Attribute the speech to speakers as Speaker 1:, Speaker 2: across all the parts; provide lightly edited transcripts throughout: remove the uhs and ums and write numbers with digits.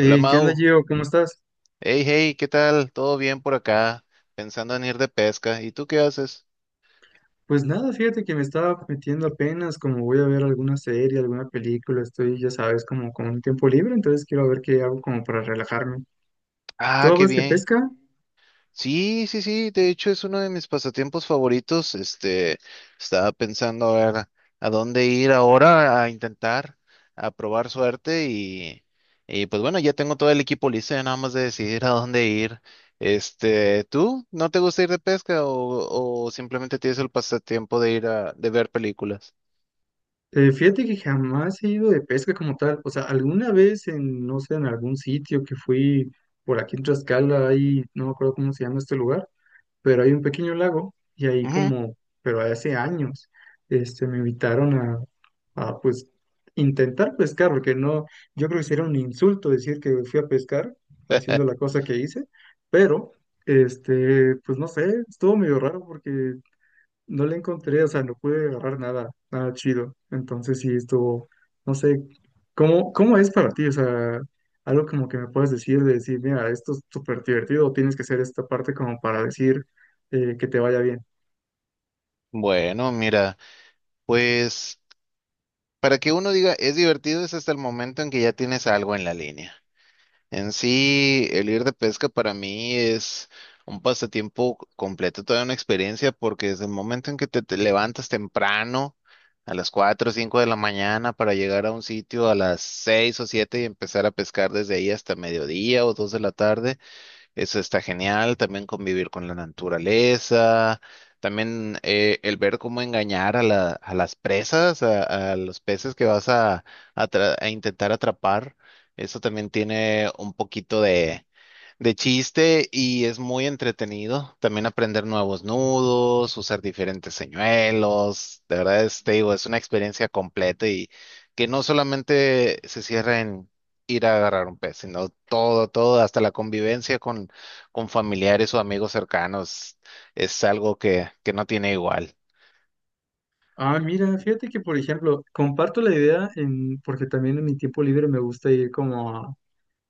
Speaker 1: Hola
Speaker 2: ¿Qué onda,
Speaker 1: Mau,
Speaker 2: Gio? ¿Cómo estás?
Speaker 1: hey hey, ¿qué tal? ¿Todo bien por acá? Pensando en ir de pesca. ¿Y tú qué haces?
Speaker 2: Pues nada, fíjate que me estaba metiendo apenas, como voy a ver alguna serie, alguna película, estoy, ya sabes, como con un tiempo libre, entonces quiero ver qué hago como para relajarme.
Speaker 1: Ah,
Speaker 2: ¿Tú
Speaker 1: qué
Speaker 2: vas de
Speaker 1: bien.
Speaker 2: pesca?
Speaker 1: Sí, sí, sí, de hecho es uno de mis pasatiempos favoritos. Estaba pensando a ver a dónde ir ahora a intentar, a probar suerte y pues bueno, ya tengo todo el equipo listo, ya nada más de decidir a dónde ir. ¿Tú no te gusta ir de pesca o simplemente tienes el pasatiempo de ir de ver películas?
Speaker 2: Fíjate que jamás he ido de pesca como tal, o sea, alguna vez en, no sé, en algún sitio que fui por aquí en Tlaxcala, ahí, no me acuerdo cómo se llama este lugar, pero hay un pequeño lago y ahí
Speaker 1: Ujú.
Speaker 2: como, pero hace años, este, me invitaron a, pues intentar pescar, porque no, yo creo que sería un insulto decir que fui a pescar haciendo la cosa que hice, pero, este, pues no sé, estuvo medio raro porque no le encontré, o sea, no pude agarrar nada, nada chido. Entonces sí estuvo, no sé, ¿cómo, cómo es para ti? O sea, algo como que me puedas decir, de decir, mira, esto es súper divertido, o tienes que hacer esta parte como para decir que te vaya bien.
Speaker 1: Bueno, mira. Pues para que uno diga es divertido es hasta el momento en que ya tienes algo en la línea. En sí, el ir de pesca para mí es un pasatiempo completo, toda una experiencia, porque desde el momento en que te levantas temprano, a las 4 o 5 de la mañana, para llegar a un sitio a las 6 o 7 y empezar a pescar desde ahí hasta mediodía o 2 de la tarde, eso está genial, también convivir con la naturaleza, también el ver cómo engañar a las presas, a los peces que vas a intentar atrapar. Eso también tiene un poquito de chiste y es muy entretenido. También aprender nuevos nudos, usar diferentes señuelos. De verdad, te digo, es una experiencia completa y que no solamente se cierra en ir a agarrar un pez, sino todo, todo, hasta la convivencia con, familiares o amigos cercanos es algo que no tiene igual.
Speaker 2: Ah, mira, fíjate que, por ejemplo, comparto la idea en, porque también en mi tiempo libre me gusta ir como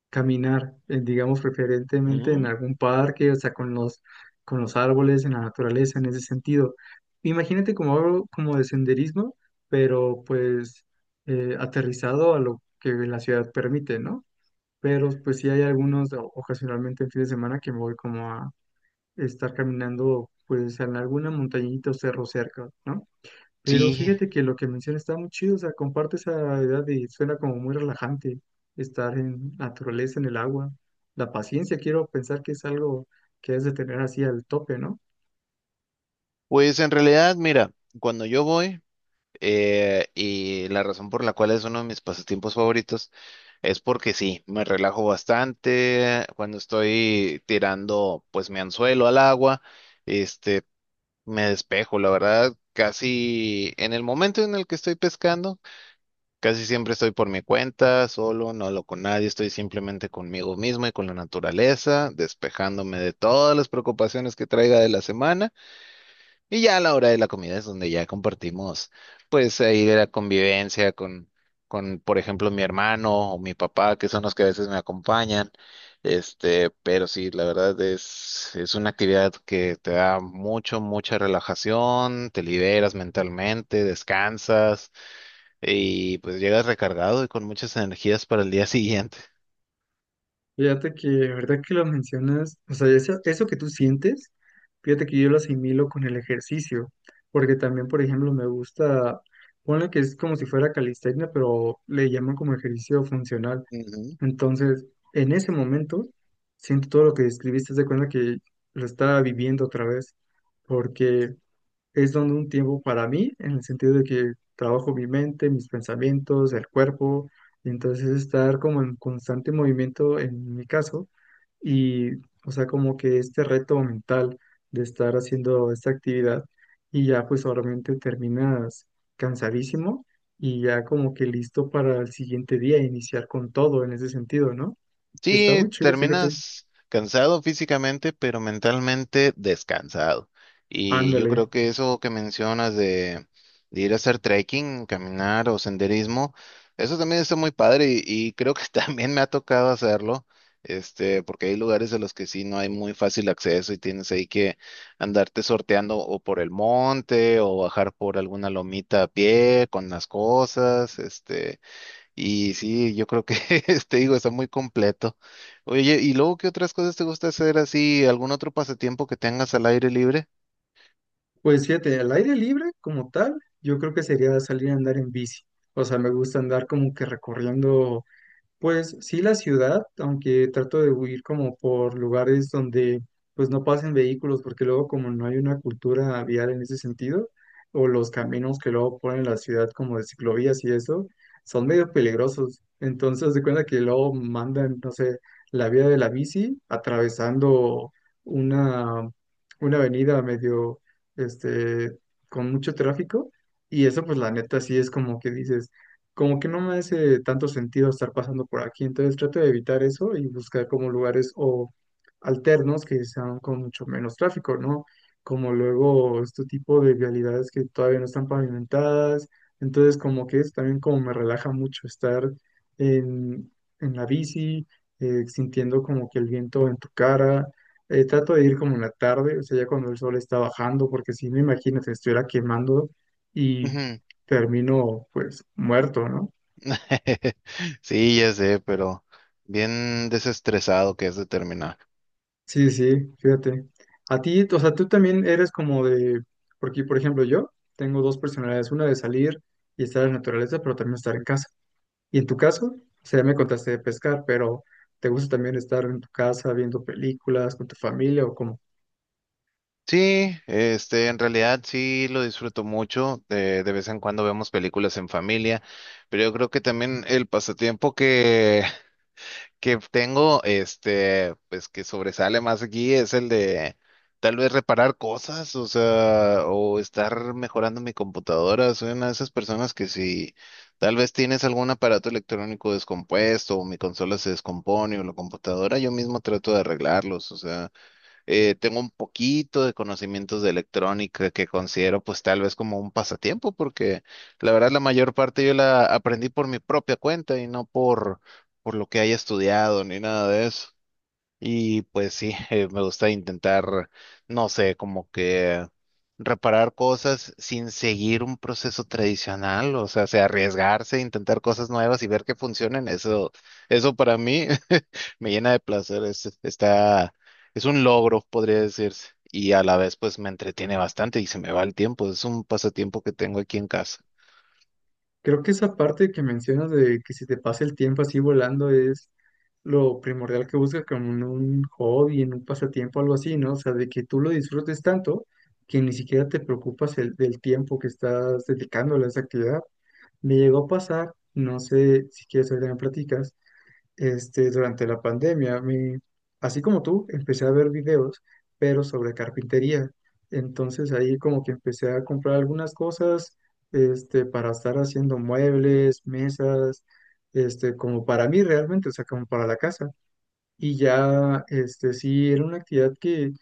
Speaker 2: caminar, digamos, preferentemente en
Speaker 1: Mm,
Speaker 2: algún parque, o sea, con los árboles, en la naturaleza, en ese sentido. Imagínate como algo como de senderismo, pero pues aterrizado a lo que la ciudad permite, ¿no? Pero pues sí hay algunos, o- ocasionalmente en fin de semana, que me voy como a estar caminando, pues en alguna montañita o cerro cerca, ¿no? Pero
Speaker 1: sí,
Speaker 2: fíjate que lo que mencionas está muy chido, o sea, comparte esa edad y suena como muy relajante estar en naturaleza, en el agua. La paciencia, quiero pensar que es algo que has de tener así al tope, ¿no?
Speaker 1: pues en realidad, mira, cuando yo voy, y la razón por la cual es uno de mis pasatiempos favoritos es porque sí, me relajo bastante cuando estoy tirando pues mi anzuelo al agua. Este, me despejo, la verdad, casi en el momento en el que estoy pescando, casi siempre estoy por mi cuenta, solo, no hablo con nadie, estoy simplemente conmigo mismo y con la naturaleza, despejándome de todas las preocupaciones que traiga de la semana. Y ya a la hora de la comida es donde ya compartimos, pues ahí de la convivencia con, por ejemplo, mi hermano o mi papá, que son los que a veces me acompañan. Pero sí, la verdad es una actividad que te da mucho, mucha relajación, te liberas mentalmente, descansas y pues llegas recargado y con muchas energías para el día siguiente.
Speaker 2: Fíjate que, la verdad que lo mencionas, o sea, eso que tú sientes, fíjate que yo lo asimilo con el ejercicio, porque también, por ejemplo, me gusta, ponle que es como si fuera calistenia, pero le llaman como ejercicio funcional.
Speaker 1: Ujú.
Speaker 2: Entonces, en ese momento, siento todo lo que describiste, haz de cuenta que lo estaba viviendo otra vez, porque es donde un tiempo para mí, en el sentido de que trabajo mi mente, mis pensamientos, el cuerpo, y entonces estar como en constante movimiento en mi caso, y o sea, como que este reto mental de estar haciendo esta actividad, y ya pues obviamente terminas cansadísimo y ya como que listo para el siguiente día iniciar con todo en ese sentido, ¿no? Está muy
Speaker 1: Sí,
Speaker 2: chido, fíjate.
Speaker 1: terminas cansado físicamente, pero mentalmente descansado. Y yo
Speaker 2: Ándale.
Speaker 1: creo que eso que mencionas de ir a hacer trekking, caminar o senderismo, eso también está muy padre y creo que también me ha tocado hacerlo, porque hay lugares a los que sí no hay muy fácil acceso y tienes ahí que andarte sorteando o por el monte o bajar por alguna lomita a pie con las cosas. Y sí, yo creo que, te digo, está muy completo. Oye, ¿y luego qué otras cosas te gusta hacer así? ¿Algún otro pasatiempo que tengas al aire libre?
Speaker 2: Pues fíjate, al aire libre como tal, yo creo que sería salir a andar en bici. O sea, me gusta andar como que recorriendo pues sí, la ciudad, aunque trato de huir como por lugares donde pues no pasen vehículos, porque luego como no hay una cultura vial en ese sentido, o los caminos que luego ponen en la ciudad como de ciclovías y eso, son medio peligrosos. Entonces, haz de cuenta que luego mandan, no sé, la vía de la bici atravesando una, una avenida medio, este, con mucho tráfico, y eso pues la neta sí es como que dices como que no me hace tanto sentido estar pasando por aquí, entonces trato de evitar eso y buscar como lugares o alternos que sean con mucho menos tráfico, ¿no? Como luego este tipo de vialidades que todavía no están pavimentadas, entonces como que es también como me relaja mucho estar en, en la bici, sintiendo como que el viento en tu cara. Trato de ir como en la tarde, o sea, ya cuando el sol está bajando, porque si no, imagínate, estuviera quemando y
Speaker 1: Ujú.
Speaker 2: termino pues muerto, ¿no?
Speaker 1: Sí, ya sé, pero bien desestresado que es de terminar.
Speaker 2: Sí, sí, fíjate. A ti, o sea, tú también eres como de, porque por ejemplo yo tengo dos personalidades, una de salir y estar en la naturaleza, pero también estar en casa. Y en tu caso, o sea, ya me contaste de pescar, pero ¿te gusta también estar en tu casa viendo películas con tu familia o cómo?
Speaker 1: Sí, en realidad sí lo disfruto mucho. De vez en cuando vemos películas en familia, pero yo creo que también el pasatiempo que tengo, pues que sobresale más aquí es el de tal vez reparar cosas, o sea, o estar mejorando mi computadora. Soy una de esas personas que si tal vez tienes algún aparato electrónico descompuesto o mi consola se descompone o la computadora, yo mismo trato de arreglarlos, o sea. Tengo un poquito de conocimientos de electrónica que considero pues tal vez como un pasatiempo, porque la verdad la mayor parte yo la aprendí por mi propia cuenta y no por lo que haya estudiado ni nada de eso. Y pues sí, me gusta intentar, no sé, como que reparar cosas sin seguir un proceso tradicional, o sea, se arriesgarse, intentar cosas nuevas y ver que funcionen, eso para mí me llena de placer, es un logro, podría decirse, y a la vez pues me entretiene bastante y se me va el tiempo, es un pasatiempo que tengo aquí en casa.
Speaker 2: Creo que esa parte que mencionas de que si te pasa el tiempo así volando es lo primordial que buscas como en un hobby, en un pasatiempo, algo así, ¿no? O sea, de que tú lo disfrutes tanto que ni siquiera te preocupas el, del tiempo que estás dedicándole a esa actividad. Me llegó a pasar, no sé si quieres ahorita me platicas, este, durante la pandemia, me así como tú, empecé a ver videos, pero sobre carpintería. Entonces ahí como que empecé a comprar algunas cosas, este, para estar haciendo muebles, mesas, este, como para mí realmente, o sea, como para la casa. Y ya, este, sí, era una actividad que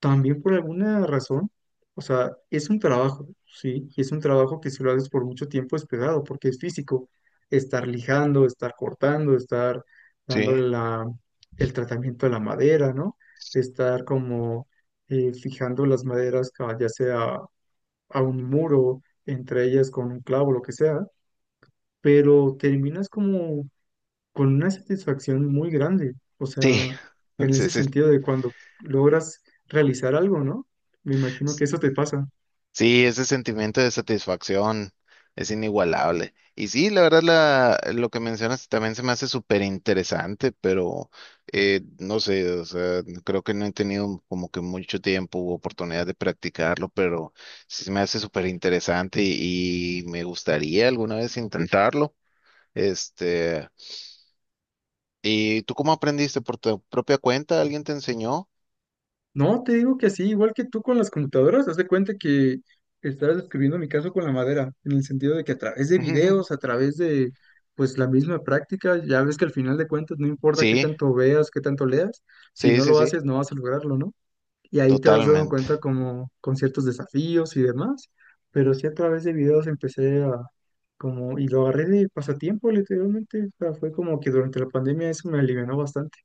Speaker 2: también por alguna razón, o sea, es un trabajo, sí, y es un trabajo que si lo haces por mucho tiempo es pesado, porque es físico, estar lijando, estar cortando, estar
Speaker 1: Sí,
Speaker 2: dándole la, el tratamiento a la madera, ¿no? Estar como fijando las maderas, ca- ya sea a un muro, entre ellas con un clavo, lo que sea, pero terminas como con una satisfacción muy grande, o sea,
Speaker 1: sí,
Speaker 2: en
Speaker 1: sí,
Speaker 2: ese
Speaker 1: sí.
Speaker 2: sentido de cuando logras realizar algo, ¿no? Me imagino que eso te pasa.
Speaker 1: Sí, ese sentimiento de satisfacción es inigualable. Y sí, la verdad, lo que mencionas también se me hace súper interesante, pero no sé, o sea, creo que no he tenido como que mucho tiempo u oportunidad de practicarlo, pero sí se me hace súper interesante y me gustaría alguna vez intentarlo. Este, ¿Y tú cómo aprendiste? ¿Por tu propia cuenta? ¿Alguien te enseñó?
Speaker 2: No, te digo que así, igual que tú con las computadoras, haz de cuenta que estás describiendo mi caso con la madera, en el sentido de que a través de videos, a través de pues la misma práctica, ya ves que al final de cuentas no importa qué
Speaker 1: Sí,
Speaker 2: tanto veas, qué tanto leas, si
Speaker 1: sí,
Speaker 2: no
Speaker 1: sí,
Speaker 2: lo
Speaker 1: sí,
Speaker 2: haces no vas a lograrlo, ¿no? Y ahí te vas dando cuenta
Speaker 1: totalmente.
Speaker 2: como con ciertos desafíos y demás, pero sí a través de videos empecé a como, y lo agarré de pasatiempo literalmente, o sea, fue como que durante la pandemia eso me alivianó bastante,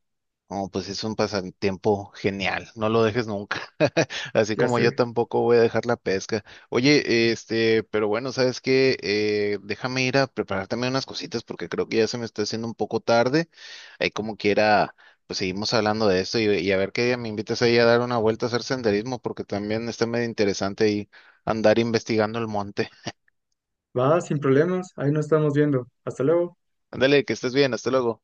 Speaker 1: Oh, pues es un pasatiempo genial, no lo dejes nunca. Así
Speaker 2: ya
Speaker 1: como yo
Speaker 2: sé,
Speaker 1: tampoco voy a dejar la pesca. Oye, pero bueno, ¿sabes qué? Déjame ir a preparar también unas cositas porque creo que ya se me está haciendo un poco tarde. Ahí como quiera, pues seguimos hablando de esto y a ver qué día me invitas ahí a dar una vuelta a hacer senderismo porque también está medio interesante ahí andar investigando el monte.
Speaker 2: va sin problemas, ahí nos estamos viendo, hasta luego.
Speaker 1: Ándale, que estés bien, hasta luego.